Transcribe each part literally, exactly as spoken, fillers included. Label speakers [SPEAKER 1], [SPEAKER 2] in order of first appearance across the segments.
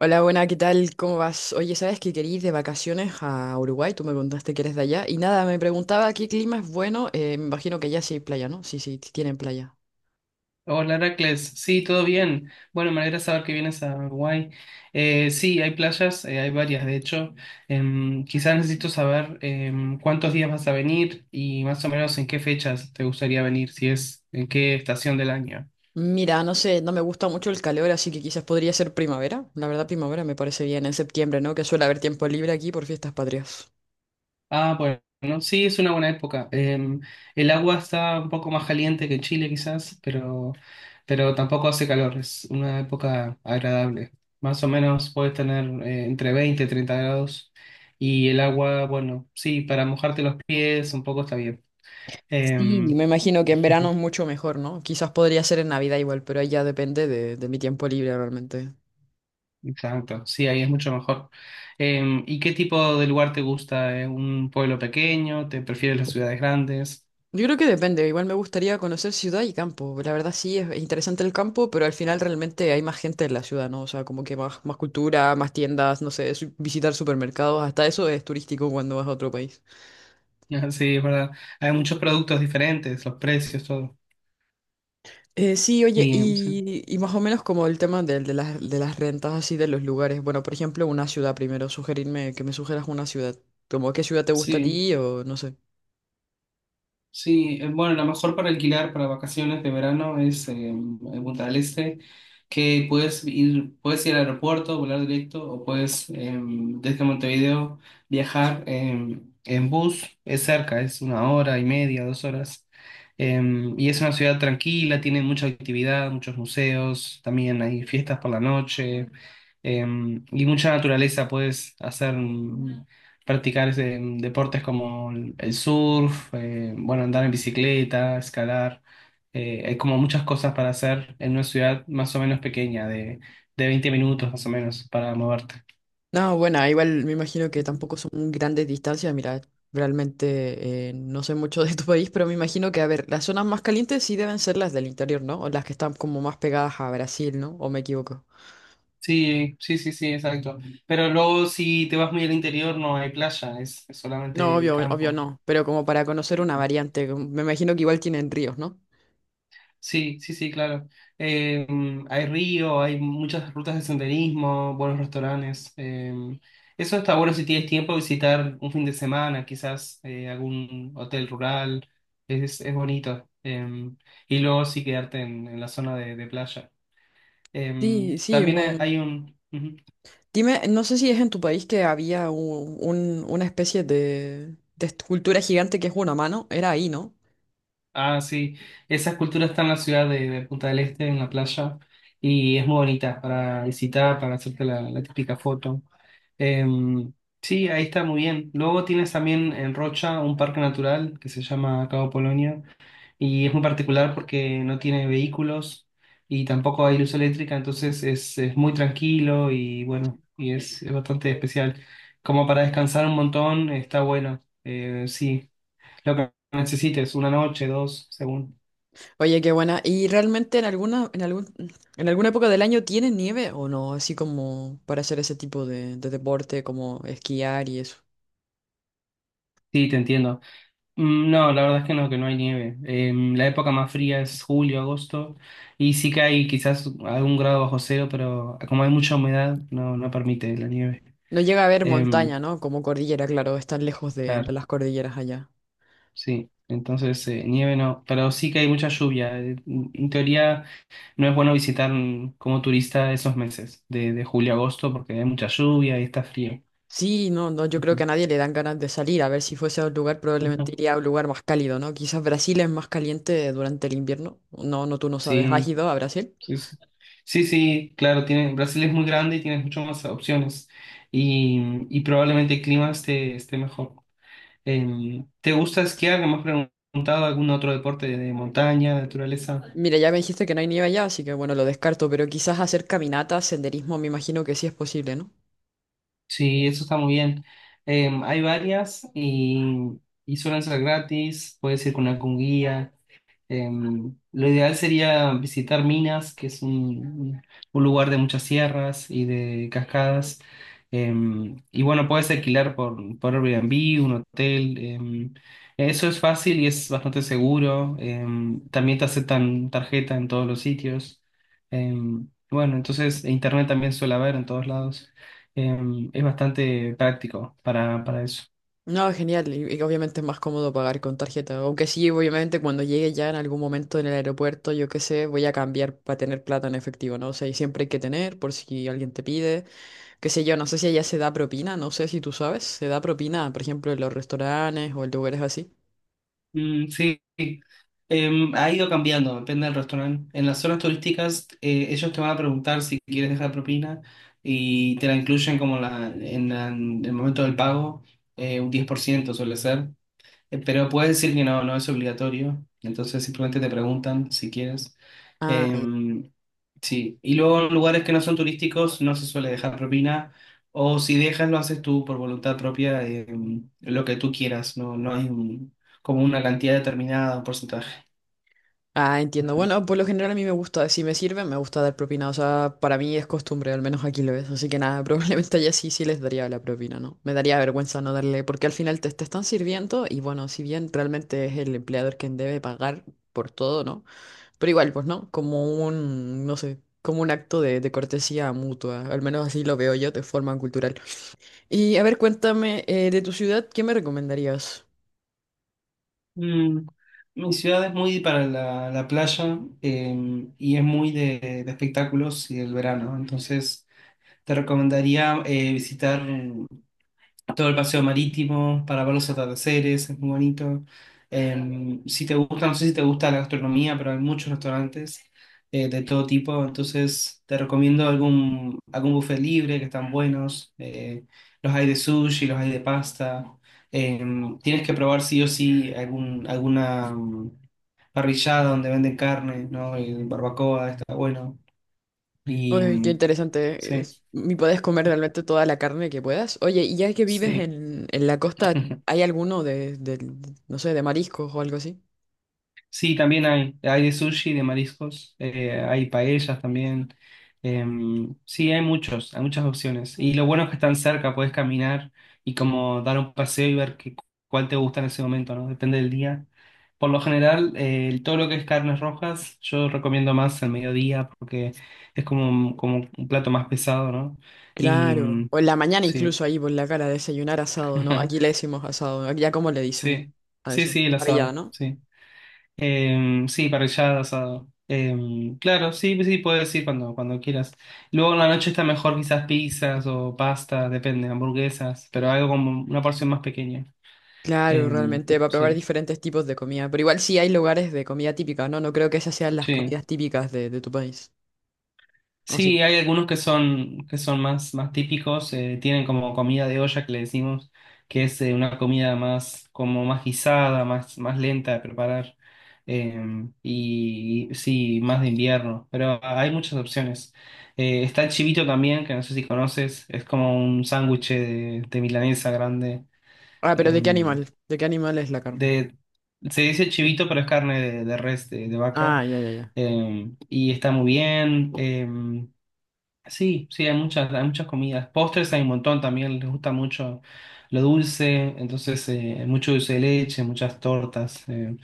[SPEAKER 1] Hola, buena, ¿qué tal? ¿Cómo vas? Oye, ¿sabes que quería ir de vacaciones a Uruguay? Tú me contaste que eres de allá. Y nada, me preguntaba qué clima es bueno. Eh, me imagino que allá sí hay playa, ¿no? Sí, sí, tienen playa.
[SPEAKER 2] Hola Heracles, sí, todo bien. Bueno, me alegra saber que vienes a Uruguay. Eh, sí, hay playas, eh, hay varias de hecho. Em, quizás necesito saber em, cuántos días vas a venir y más o menos en qué fechas te gustaría venir, si es en qué estación del año.
[SPEAKER 1] Mira, no sé, no me gusta mucho el calor, así que quizás podría ser primavera. La verdad, primavera me parece bien en septiembre, ¿no? Que suele haber tiempo libre aquí por fiestas patrias.
[SPEAKER 2] Ah, bueno, sí, es una buena época. Em, el agua está un poco más caliente que en Chile quizás, pero, pero tampoco hace calor, es una época agradable. Más o menos puedes tener eh, entre veinte y treinta grados, y el agua, bueno, sí, para mojarte los pies un poco está bien.
[SPEAKER 1] Sí,
[SPEAKER 2] Em,
[SPEAKER 1] me imagino que en verano es mucho mejor, ¿no? Quizás podría ser en Navidad igual, pero ahí ya depende de, de mi tiempo libre realmente.
[SPEAKER 2] exacto, sí, ahí es mucho mejor. Em, ¿y qué tipo de lugar te gusta? ¿Eh? ¿Un pueblo pequeño? ¿Te prefieres las ciudades grandes?
[SPEAKER 1] Yo creo que depende, igual me gustaría conocer ciudad y campo. La verdad sí, es interesante el campo, pero al final realmente hay más gente en la ciudad, ¿no? O sea, como que más, más cultura, más tiendas, no sé, su- visitar supermercados, hasta eso es turístico cuando vas a otro país.
[SPEAKER 2] Sí, es verdad. Hay muchos productos diferentes, los precios, todo.
[SPEAKER 1] Eh, sí, oye,
[SPEAKER 2] Sí, o sea,
[SPEAKER 1] y, y más o menos como el tema del- de, las, de las rentas así de los lugares. Bueno, por ejemplo, una ciudad primero, sugerirme que me sugieras una ciudad. Como qué ciudad te gusta a
[SPEAKER 2] sí,
[SPEAKER 1] ti o no sé.
[SPEAKER 2] sí. eh, Bueno, la mejor para alquilar para vacaciones de verano es eh, en Punta del Este, que puedes ir, puedes ir al aeropuerto, volar directo, o puedes eh, desde Montevideo viajar eh, en bus. Es cerca, es una hora y media, dos horas. Eh, y es una ciudad tranquila, tiene mucha actividad, muchos museos, también hay fiestas por la noche, eh, y mucha naturaleza. Puedes hacer, practicar ese- deportes como el el surf, eh, bueno, andar en bicicleta, escalar. Eh, hay como muchas cosas para hacer en una ciudad más o menos pequeña, de, de veinte minutos más o menos, para moverte.
[SPEAKER 1] No, bueno, igual me imagino que tampoco son grandes distancias. Mira, realmente eh, no sé mucho de tu país, pero me imagino que, a ver, las zonas más calientes sí deben ser las del interior, ¿no? O las que están como más pegadas a Brasil, ¿no? ¿O me equivoco?
[SPEAKER 2] Sí, sí, sí, sí, exacto. Pero luego si te vas muy al interior no hay playa, es, es
[SPEAKER 1] No,
[SPEAKER 2] solamente el
[SPEAKER 1] obvio, obvio
[SPEAKER 2] campo.
[SPEAKER 1] no, pero como para conocer una variante, como- me imagino que igual tienen ríos, ¿no?
[SPEAKER 2] Sí, sí, sí, claro. Eh, mm, hay río, hay muchas rutas de senderismo, buenos restaurantes. Eh, eso está bueno si tienes tiempo de visitar un fin de semana, quizás eh, algún hotel rural. Es, es bonito. Eh, y luego sí quedarte en, en la zona de, de playa. Eh,
[SPEAKER 1] Sí, sí,
[SPEAKER 2] también hay
[SPEAKER 1] no.
[SPEAKER 2] hay un... Ujú.
[SPEAKER 1] Dime, no sé si es en tu país que había un- un- una especie de, de escultura gigante que es una mano, era ahí, ¿no?
[SPEAKER 2] Ah, sí. Esa escultura está en la ciudad de, de Punta del Este, en la playa, y es muy bonita para visitar, para hacerte la, la típica foto. Em, sí, ahí está muy bien. Luego tienes también en Rocha un parque natural que se llama Cabo Polonio, y es muy particular porque no tiene vehículos y tampoco hay luz eléctrica, entonces es, es muy tranquilo y bueno, y es, es bastante especial. Como para descansar un montón, está bueno. Eh, sí. Lo que necesites, una noche, dos, según.
[SPEAKER 1] Oye, qué buena. ¿Y realmente en alguna, en algún, en alguna época del año tiene nieve o no? Así como para hacer ese tipo de, de deporte, como esquiar y eso.
[SPEAKER 2] Sí, te entiendo. Mm, No, la verdad es que no, que no hay nieve. Em, la época más fría es julio, agosto, y sí que hay quizás algún grado bajo cero, pero como hay mucha humedad, no, no permite la nieve.
[SPEAKER 1] No llega a haber
[SPEAKER 2] Em,
[SPEAKER 1] montaña, ¿no? Como cordillera, claro, están lejos de, de
[SPEAKER 2] claro,
[SPEAKER 1] las cordilleras allá.
[SPEAKER 2] sí. Entonces, eh, nieve no, pero sí que hay mucha lluvia. Eh, En teoría, no es bueno visitar, mm, como turista, esos meses de, de julio a agosto porque hay mucha lluvia y está frío.
[SPEAKER 1] Sí, no, no, yo creo que
[SPEAKER 2] Ujú.
[SPEAKER 1] a nadie le dan ganas de salir. A ver, si fuese a un lugar, probablemente
[SPEAKER 2] Ujú.
[SPEAKER 1] iría a un lugar más cálido, ¿no? Quizás Brasil es más caliente durante el invierno. No, no, tú no sabes. ¿Has
[SPEAKER 2] Sí.
[SPEAKER 1] ido a Brasil?
[SPEAKER 2] Sí, sí, sí, sí, claro, tiene, Brasil es muy grande y tiene muchas más opciones, y, y probablemente el clima esté, esté mejor. Eh, ¿te gusta esquiar? ¿No? Me has preguntado algún otro deporte de montaña, naturaleza.
[SPEAKER 1] Mira, ya me dijiste que no hay nieve allá, así que bueno, lo descarto, pero quizás hacer caminatas, senderismo, me imagino que sí es posible, ¿no?
[SPEAKER 2] Sí, eso está muy bien. Eh, hay varias, y, y suelen ser gratis, puedes ir con algún guía. Em, lo ideal sería visitar Minas, que es un, un- lugar de muchas sierras y de cascadas. Em, y bueno, puedes alquilar por, por Airbnb, un hotel. Em, eso es fácil y es bastante seguro. Em, también te aceptan tarjeta en todos los sitios. Em, bueno, entonces internet también suele haber en todos lados. Em, es bastante práctico para, para eso.
[SPEAKER 1] No, genial. Y, y obviamente es más cómodo pagar con tarjeta. Aunque sí, obviamente cuando llegue ya en algún momento en el aeropuerto, yo qué sé, voy a cambiar para tener plata en efectivo, ¿no? O sea, y siempre hay que tener por si alguien te pide, qué sé yo, no sé si allá se da propina, no sé si tú sabes, se da propina, por ejemplo, en los restaurantes o en lugares así.
[SPEAKER 2] Mm, sí. Em, ha ido cambiando, depende del restaurante. En las zonas turísticas, eh, ellos te van a preguntar si quieres dejar propina y te la incluyen como la, en, la- en el momento del pago, eh, un diez por ciento suele ser. Eh, Pero puedes decir que no, no es obligatorio. Entonces simplemente te preguntan si quieres.
[SPEAKER 1] Ah.
[SPEAKER 2] Em, sí. Y luego en lugares que no son turísticos no se suele dejar propina. O si dejas, lo haces tú por voluntad propia, em, lo que tú quieras. No, no hay un- como una cantidad determinada, un porcentaje.
[SPEAKER 1] Ah, entiendo. Bueno, por lo general a mí me gusta, si me sirve, me gusta dar propina. O sea, para mí es costumbre, al menos aquí lo es. Así que nada, probablemente allá sí, sí les daría la propina, ¿no? Me daría vergüenza no darle, porque al final te, te están sirviendo y bueno, si bien realmente es el empleador quien debe pagar por todo, ¿no? Pero igual, pues, ¿no? Como un, no sé, como un acto de, de cortesía mutua. Al menos así lo veo yo de forma cultural. Y a ver, cuéntame, eh, de tu ciudad, ¿qué me recomendarías?
[SPEAKER 2] Mm, Mi ciudad es muy para la, la playa, em, y es muy de, de espectáculos y del verano. Entonces te recomendaría eh, visitar todo el paseo marítimo para ver los atardeceres, es muy bonito. Eh, si te gusta, no sé si te gusta la gastronomía, pero hay muchos restaurantes eh, de todo tipo, entonces te recomiendo algún, algún buffet libre que están buenos. Eh, los hay de sushi, los hay de pasta. Eh, Tienes que probar sí o sí algún, alguna mm, parrillada donde venden carne, ¿no? Y barbacoa, está bueno. Y
[SPEAKER 1] Uy, qué
[SPEAKER 2] mm,
[SPEAKER 1] interesante.
[SPEAKER 2] sí,
[SPEAKER 1] es- Y puedes comer realmente toda la carne que puedas. Oye, y ya que vives
[SPEAKER 2] sí.
[SPEAKER 1] en, en la costa, ¿hay alguno de, del- no sé, de mariscos o algo así?
[SPEAKER 2] Sí, también hay. Hay de sushi, de mariscos, eh, hay paellas también. Em, sí, hay muchos, hay muchas opciones. Y lo bueno es que están cerca, puedes caminar y como dar un paseo y ver qué, cuál te gusta en ese momento, ¿no? Depende del día. Por lo general, eh, todo lo que es carnes rojas, yo recomiendo más al mediodía porque es como un- como un plato más pesado, ¿no? Y
[SPEAKER 1] Claro.
[SPEAKER 2] mm,
[SPEAKER 1] O en la mañana
[SPEAKER 2] sí.
[SPEAKER 1] incluso ahí por la cara, desayunar asado, ¿no? Aquí le decimos asado. Aquí ya como le dicen
[SPEAKER 2] Sí,
[SPEAKER 1] a
[SPEAKER 2] sí,
[SPEAKER 1] eso.
[SPEAKER 2] sí, el
[SPEAKER 1] Parrillada,
[SPEAKER 2] asado,
[SPEAKER 1] ¿no?
[SPEAKER 2] sí. Em, sí, parrillada, asado. Em, claro, sí, sí, puedes decir cuando, cuando quieras. Luego en la noche está mejor quizás pizzas o pasta, depende, hamburguesas, pero algo como una porción más pequeña.
[SPEAKER 1] Claro,
[SPEAKER 2] Em,
[SPEAKER 1] realmente, para probar
[SPEAKER 2] sí,
[SPEAKER 1] diferentes tipos de comida. Pero igual sí hay lugares de comida típica, ¿no? No creo que esas sean las
[SPEAKER 2] sí.
[SPEAKER 1] comidas típicas de, de tu país. ¿O sí?
[SPEAKER 2] Sí, hay algunos que son, que son más, más típicos, eh, tienen como comida de olla que le decimos, que es eh, una comida más, como más guisada, más, más lenta de preparar, eh, y sí, más de invierno, pero hay muchas opciones. Eh, está el chivito también, que no sé si conoces, es como un sándwich de, de milanesa grande,
[SPEAKER 1] Ah, pero
[SPEAKER 2] eh,
[SPEAKER 1] ¿de qué animal? ¿De qué animal es la carne?
[SPEAKER 2] de, se dice chivito, pero es carne de, de res, de de vaca.
[SPEAKER 1] Ah, ya, ya, ya.
[SPEAKER 2] Eh, y está muy bien. eh, Sí, sí, hay muchas, hay muchas comidas. Postres hay un montón también, les gusta mucho lo dulce, entonces eh, mucho dulce de leche, muchas tortas. eh,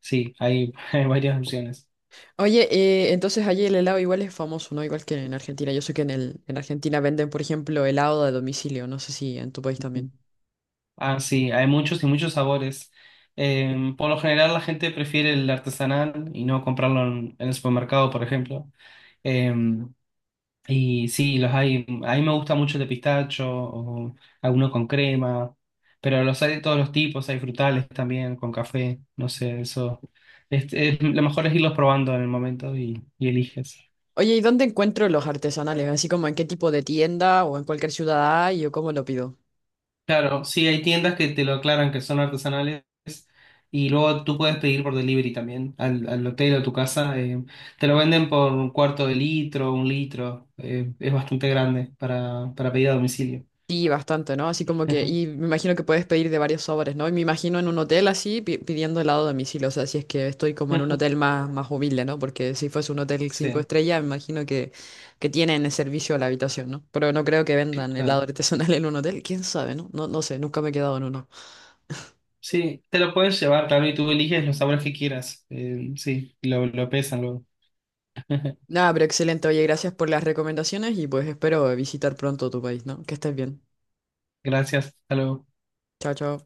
[SPEAKER 2] Sí, hay, hay varias opciones.
[SPEAKER 1] Oye, eh, entonces allí el helado igual es famoso, ¿no? Igual que en Argentina. Yo sé que en el, en Argentina venden, por ejemplo, helado de domicilio. No sé si en tu país también.
[SPEAKER 2] Ah, sí, hay muchos y muchos sabores. Eh, por lo general la gente prefiere el artesanal y no comprarlo en, en el supermercado, por ejemplo. Eh, Y sí, los hay. A mí me gusta mucho el de pistacho, o alguno con crema, pero los hay de todos los tipos, hay frutales también, con café, no sé, eso. Este, es- lo mejor es irlos probando en el momento, y, y eliges.
[SPEAKER 1] Oye, ¿y dónde encuentro los artesanales? Así como en qué tipo de tienda o en cualquier ciudad hay o cómo lo pido.
[SPEAKER 2] Claro, sí, hay tiendas que te lo aclaran que son artesanales y luego tú puedes pedir por delivery también al, al hotel o a tu casa. Eh, te lo venden por un cuarto de litro, un litro, eh, es bastante grande para, para pedir a domicilio.
[SPEAKER 1] Sí, bastante, ¿no? Así como que, y me imagino que puedes pedir de varios sabores, ¿no? Y me imagino en un hotel así pi- pidiendo helado a domicilio, o sea, si es que estoy como en un hotel más, más humilde, ¿no? Porque si fuese un hotel cinco
[SPEAKER 2] Sí,
[SPEAKER 1] estrellas, me imagino que, que tienen el servicio a la habitación, ¿no? Pero no creo que vendan helado
[SPEAKER 2] claro.
[SPEAKER 1] artesanal en un hotel, quién sabe, ¿no? No, no sé, nunca me he quedado en uno.
[SPEAKER 2] Sí, te lo puedes llevar, claro, y tú eliges los sabores que quieras. Eh, sí, lo, lo pesan luego.
[SPEAKER 1] Nada, pero excelente, oye, gracias por las recomendaciones y pues espero visitar pronto tu país, ¿no? Que estés bien.
[SPEAKER 2] Gracias, hasta luego.
[SPEAKER 1] Chao, chao.